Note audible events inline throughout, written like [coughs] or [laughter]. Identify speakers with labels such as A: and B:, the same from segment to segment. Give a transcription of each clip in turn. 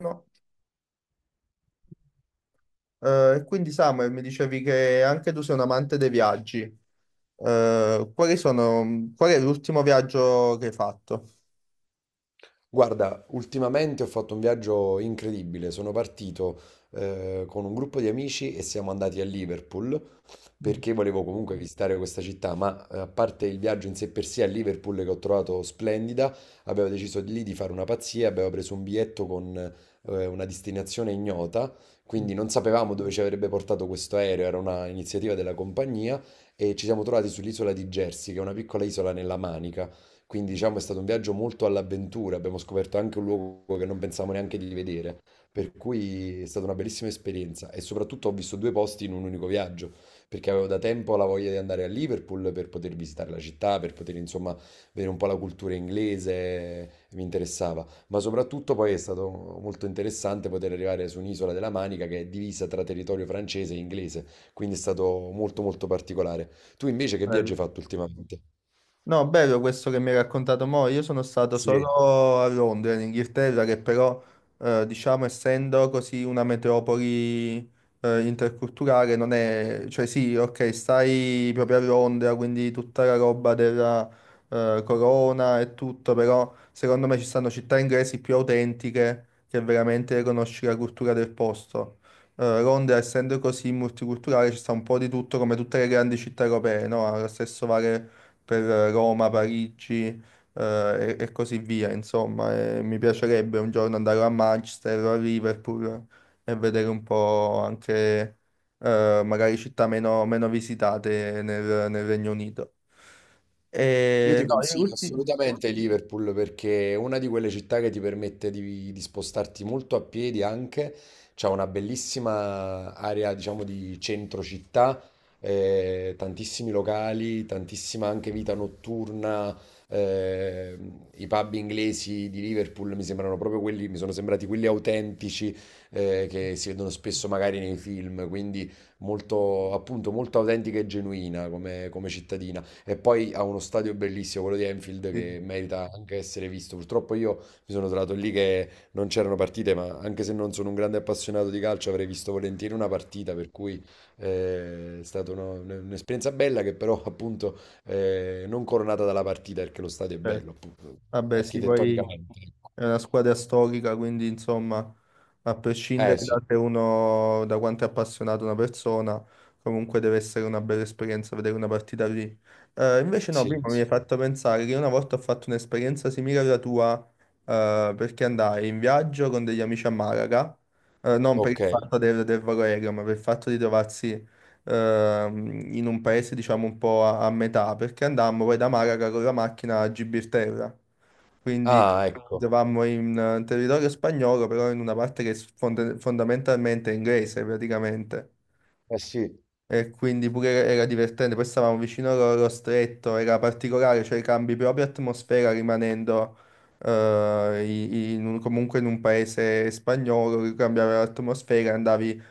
A: No. E quindi Samuel, mi dicevi che anche tu sei un amante dei viaggi. Quali sono, qual è l'ultimo viaggio che hai fatto?
B: Guarda, ultimamente ho fatto un viaggio incredibile. Sono partito con un gruppo di amici e siamo andati a Liverpool
A: Mm.
B: perché volevo comunque visitare questa città, ma a parte il viaggio in sé per sé a Liverpool che ho trovato splendida, abbiamo deciso di lì di fare una pazzia, abbiamo preso un biglietto con una destinazione ignota, quindi non sapevamo dove ci avrebbe portato questo aereo, era una iniziativa della compagnia e ci siamo trovati sull'isola di Jersey, che è una piccola isola nella Manica. Quindi diciamo è stato un viaggio molto all'avventura, abbiamo scoperto anche un luogo che non pensavamo neanche di vedere, per cui è stata una bellissima esperienza e soprattutto ho visto due posti in un unico viaggio, perché avevo da tempo la voglia di andare a Liverpool per poter visitare la città, per poter insomma vedere un po' la cultura inglese, mi interessava, ma soprattutto poi è stato molto interessante poter arrivare su un'isola della Manica che è divisa tra territorio francese e inglese, quindi è stato molto molto particolare. Tu invece che
A: Bello.
B: viaggio hai fatto ultimamente?
A: No, bello questo che mi hai raccontato mo'. Io sono stato
B: Sì.
A: solo a Londra, in Inghilterra, che però, diciamo, essendo così una metropoli, interculturale, non è... Cioè sì, ok, stai proprio a Londra, quindi tutta la roba della, corona e tutto, però secondo me ci stanno città inglesi più autentiche che veramente conosci la cultura del posto. Londra, essendo così multiculturale, ci sta un po' di tutto come tutte le grandi città europee, no? Ha lo stesso vale per Roma, Parigi, e così via, insomma, e mi piacerebbe un giorno andare a Manchester o a Liverpool e vedere un po' anche magari città meno, meno visitate nel Regno Unito.
B: Io
A: E,
B: ti
A: no, io
B: consiglio
A: ultimi...
B: assolutamente Liverpool perché è una di quelle città che ti permette di spostarti molto a piedi anche, c'è una bellissima area diciamo di centro città, tantissimi locali, tantissima anche vita notturna, eh, i pub inglesi di Liverpool mi sembrano proprio quelli, mi sono sembrati quelli autentici che si vedono spesso magari nei film, quindi molto appunto molto autentica e genuina come cittadina. E poi ha uno stadio bellissimo, quello di Anfield,
A: Sì,
B: che merita anche essere visto. Purtroppo io mi sono trovato lì che non c'erano partite, ma anche se non sono un grande appassionato di calcio, avrei visto volentieri una partita, per cui è stata un'esperienza bella che però [laughs] appunto non coronata dalla partita, perché lo stadio è
A: certo.
B: bello, appunto,
A: Vabbè, sì, poi...
B: architettonicamente, ecco.
A: È una squadra storica, quindi insomma, a
B: Eh
A: prescindere da
B: sì,
A: se uno, da quanto è appassionato una persona, comunque deve essere una bella esperienza vedere una partita lì. Invece no,
B: sì,
A: prima mi hai
B: sì.
A: fatto pensare che una volta ho fatto un'esperienza simile alla tua, perché andai in viaggio con degli amici a Malaga, non per
B: Ok.
A: il fatto del volo aereo, ma per il fatto di trovarsi in un paese, diciamo, un po' a, a metà, perché andammo poi da Malaga con la macchina a Gibilterra. Quindi
B: Ah, ecco.
A: eravamo in territorio spagnolo, però in una parte che è fondamentalmente è inglese praticamente.
B: Eh sì.
A: E quindi pure era divertente. Poi stavamo vicino allo stretto, era particolare, cioè cambi proprio atmosfera rimanendo comunque in un paese spagnolo, cambiava l'atmosfera, andavi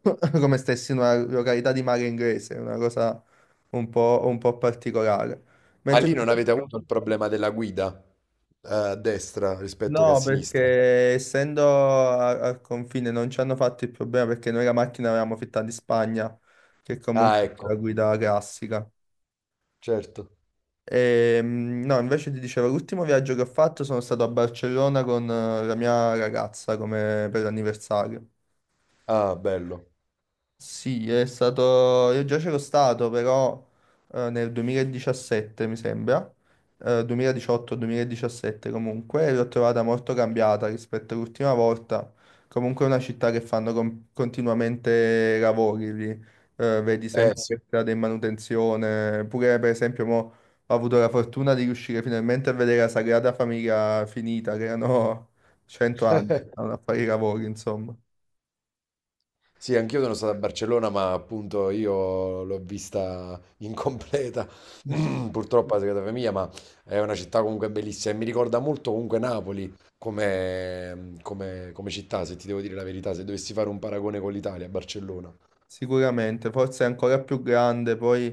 A: [coughs] come stessi in una località di mare inglese, una cosa un po' particolare.
B: Ma
A: Mentre...
B: lì non avete avuto il problema della guida a destra rispetto che a
A: No,
B: sinistra?
A: perché essendo al confine non ci hanno fatto il problema perché noi la macchina l'avevamo fitta di Spagna, che
B: Ah,
A: comunque è la
B: ecco,
A: guida classica.
B: certo.
A: No, invece ti dicevo, l'ultimo viaggio che ho fatto sono stato a Barcellona con la mia ragazza come per l'anniversario.
B: Ah, bello.
A: Sì, è stato. Io già c'ero stato, però nel 2017 mi sembra, 2018-2017 comunque, e l'ho trovata molto cambiata rispetto all'ultima volta. Comunque è una città che fanno continuamente lavori lì, vedi
B: Eh
A: sempre
B: sì,
A: per strada in manutenzione. Pure per esempio mo, ho avuto la fortuna di riuscire finalmente a vedere la Sagrada Famiglia finita, che erano [laughs] 100 anni, che stavano a fare i lavori, insomma.
B: sì, anch'io sono stato a Barcellona, ma appunto io l'ho vista [laughs] incompleta, [clears throat] purtroppo a casa mia, ma è una città comunque bellissima e mi ricorda molto comunque Napoli come, mm, come- come città, se ti devo dire la verità, se dovessi fare un paragone con l'Italia, Barcellona,
A: Sicuramente, forse è ancora più grande, poi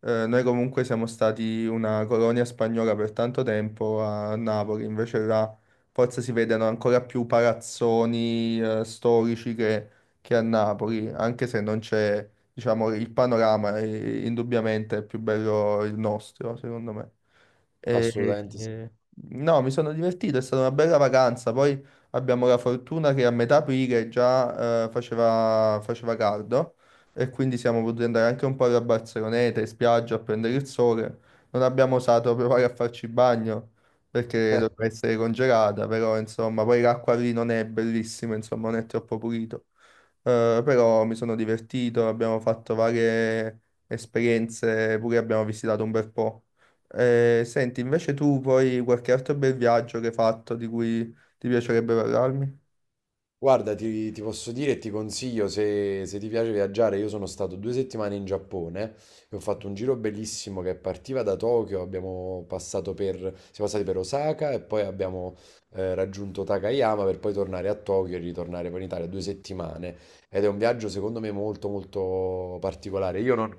A: noi comunque siamo stati una colonia spagnola per tanto tempo a Napoli, invece là forse si vedono ancora più palazzoni storici che a Napoli, anche se non c'è, diciamo, il panorama, indubbiamente è più bello il nostro, secondo me. E-
B: assolutamente sì.
A: e- no, mi sono divertito, è stata una bella vacanza. Poi abbiamo la fortuna che a metà aprile già faceva caldo e quindi siamo potuti andare anche un po' alla Barceloneta, in spiaggia a prendere il sole. Non abbiamo osato provare a farci bagno perché
B: [laughs]
A: doveva essere congelata, però insomma, poi l'acqua lì non è bellissima, insomma, non è troppo pulito. Però mi sono divertito, abbiamo fatto varie esperienze, pure abbiamo visitato un bel po'. Senti, invece tu poi qualche altro bel viaggio che hai fatto di cui ti piacerebbe parlarmi?
B: Guarda, ti posso dire e ti consiglio se ti piace viaggiare. Io sono stato 2 settimane in Giappone e ho fatto un giro bellissimo che partiva da Tokyo. Abbiamo passato per, siamo passati per Osaka e poi abbiamo raggiunto Takayama per poi tornare a Tokyo e ritornare poi in Italia 2 settimane. Ed è un viaggio secondo me molto molto particolare. Io non,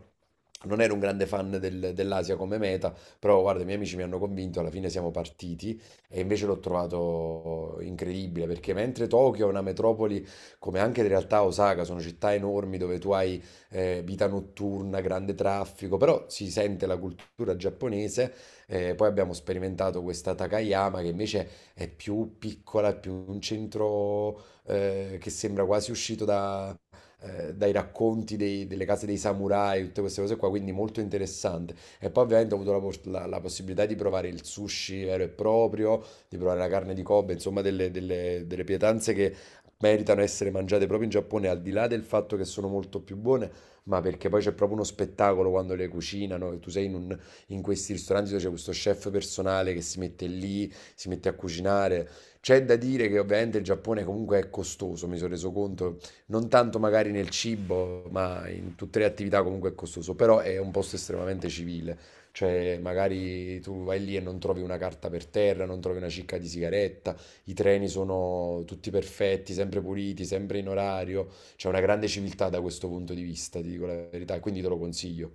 B: non ero un grande fan dell'Asia come meta, però guarda, i miei amici mi hanno convinto. Alla fine siamo partiti. E invece l'ho trovato incredibile perché mentre Tokyo è una metropoli, come anche in realtà Osaka, sono città enormi dove tu hai vita notturna, grande traffico, però si sente la cultura giapponese. Poi abbiamo sperimentato questa Takayama che invece è più piccola, è più un centro che sembra quasi uscito dai racconti delle case dei samurai, tutte queste cose qua, quindi molto interessante. E poi ovviamente ho avuto la possibilità di provare il sushi vero e proprio, di provare la carne di Kobe, insomma delle pietanze che meritano essere mangiate proprio in Giappone, al di là del fatto che sono molto più buone, ma perché poi c'è proprio uno spettacolo quando le cucinano, e tu sei in questi ristoranti dove c'è questo chef personale che si mette lì, si mette a cucinare. C'è da dire che ovviamente il Giappone comunque è costoso, mi sono reso conto, non tanto magari nel cibo, ma in tutte le attività comunque è costoso, però è un posto estremamente civile, cioè magari tu vai lì e non trovi una carta per terra, non trovi una cicca di sigaretta, i treni sono tutti perfetti, sempre puliti, sempre in orario, c'è una grande civiltà da questo punto di vista, ti dico la verità, e quindi te lo consiglio.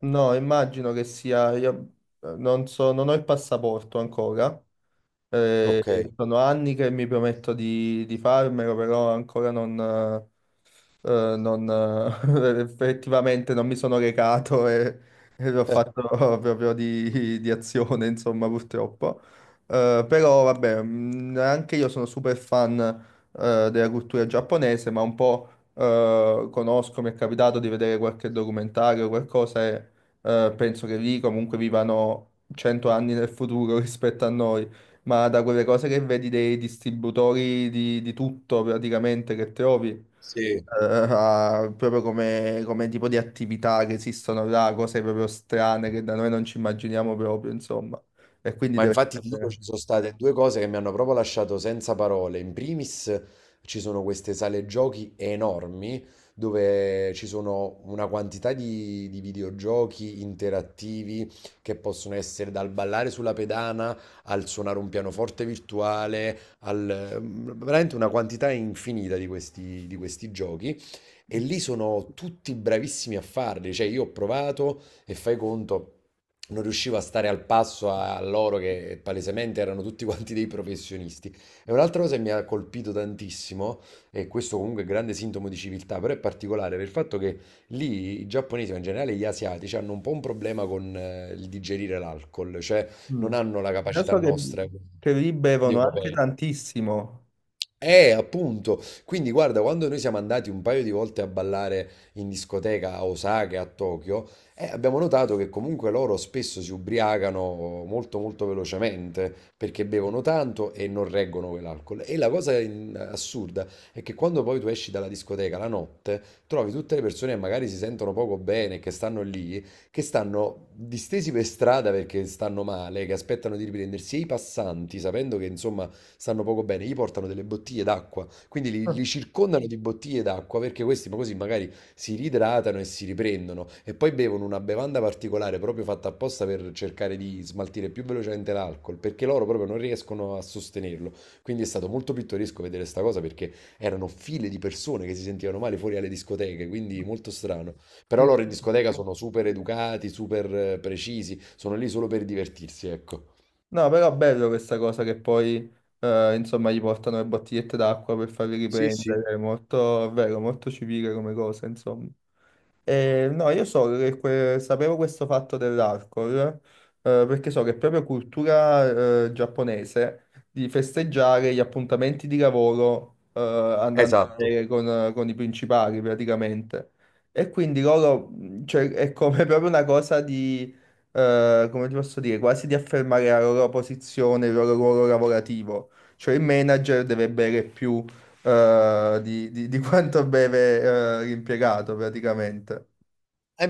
A: No, immagino che sia, io non so, non ho il passaporto ancora. Mm. eh,
B: Ok, [laughs]
A: sono anni che mi prometto di farmelo, però ancora non, [laughs] effettivamente non mi sono recato e l'ho
B: Eh,
A: fatto [laughs] proprio di azione, insomma, purtroppo. Però vabbè, anche io sono super fan della cultura giapponese, ma un po' conosco, mi è capitato di vedere qualche documentario o qualcosa e penso che lì comunque vivano 100 anni nel futuro [laughs] rispetto a noi. Ma da quelle cose che vedi dei distributori di tutto praticamente che trovi,
B: sì.
A: proprio come, come tipo di attività che esistono là, cose proprio strane che da noi non ci immaginiamo proprio, insomma. E quindi
B: Ma
A: deve
B: infatti ti dico,
A: essere...
B: ci sono state due cose che mi hanno proprio lasciato senza parole. In primis ci sono queste sale giochi enormi dove ci sono una quantità di videogiochi interattivi che possono essere dal ballare sulla pedana al suonare un pianoforte virtuale, al, mm, veramente una quantità infinita di questi giochi. E lì sono tutti bravissimi a farli, cioè io ho provato e fai conto, non riuscivo a stare al passo a loro che palesemente erano tutti [laughs] quanti dei professionisti. E un'altra cosa che mi ha colpito tantissimo, e questo comunque è grande sintomo di civiltà, però è particolare per il fatto che lì i giapponesi, ma in generale gli asiatici, hanno un po' un problema con il digerire l'alcol, cioè
A: Mm.
B: non hanno la
A: Io
B: capacità
A: so
B: nostra
A: che lì
B: di
A: bevono anche
B: europei.
A: tantissimo.
B: Appunto. Quindi guarda, quando noi siamo andati un paio di volte a ballare in discoteca a Osaka e a Tokyo, abbiamo notato che comunque loro spesso si ubriacano molto molto velocemente perché bevono tanto e non reggono quell'alcol. E la cosa in- assurda è che quando poi tu esci dalla discoteca la notte, trovi tutte le persone che magari si sentono poco bene, che stanno lì, che stanno distesi per strada perché stanno male, che aspettano di riprendersi e i passanti, sapendo che insomma stanno poco bene, gli portano delle bottiglie d'acqua, quindi li,
A: [laughs] Ah,
B: li circondano di bottiglie d'acqua perché questi ma così magari si riidratano e si riprendono e poi bevono una bevanda particolare proprio fatta apposta per cercare di smaltire più velocemente l'alcol, perché loro proprio non riescono a sostenerlo. Quindi è stato molto pittoresco vedere sta cosa perché erano file di persone che si sentivano male fuori alle discoteche, quindi molto strano. Però loro in
A: incredibile.
B: discoteca sono super educati, super precisi, sono lì solo per divertirsi, ecco.
A: No, però è bello questa cosa che poi, insomma, gli portano le bottigliette d'acqua per farli
B: Sì, sì.
A: riprendere. È molto, è vero, molto civile come cosa, insomma. No, io so che sapevo questo fatto dell'alcol, perché so che è proprio cultura, giapponese di festeggiare gli appuntamenti di lavoro, andando a
B: Esatto.
A: bere con i principali praticamente. E quindi loro, cioè, è come [laughs] proprio una cosa di, come ti posso dire, quasi di affermare la loro posizione, il loro ruolo lavorativo. Cioè il manager deve bere più di quanto beve l'impiegato praticamente.
B: E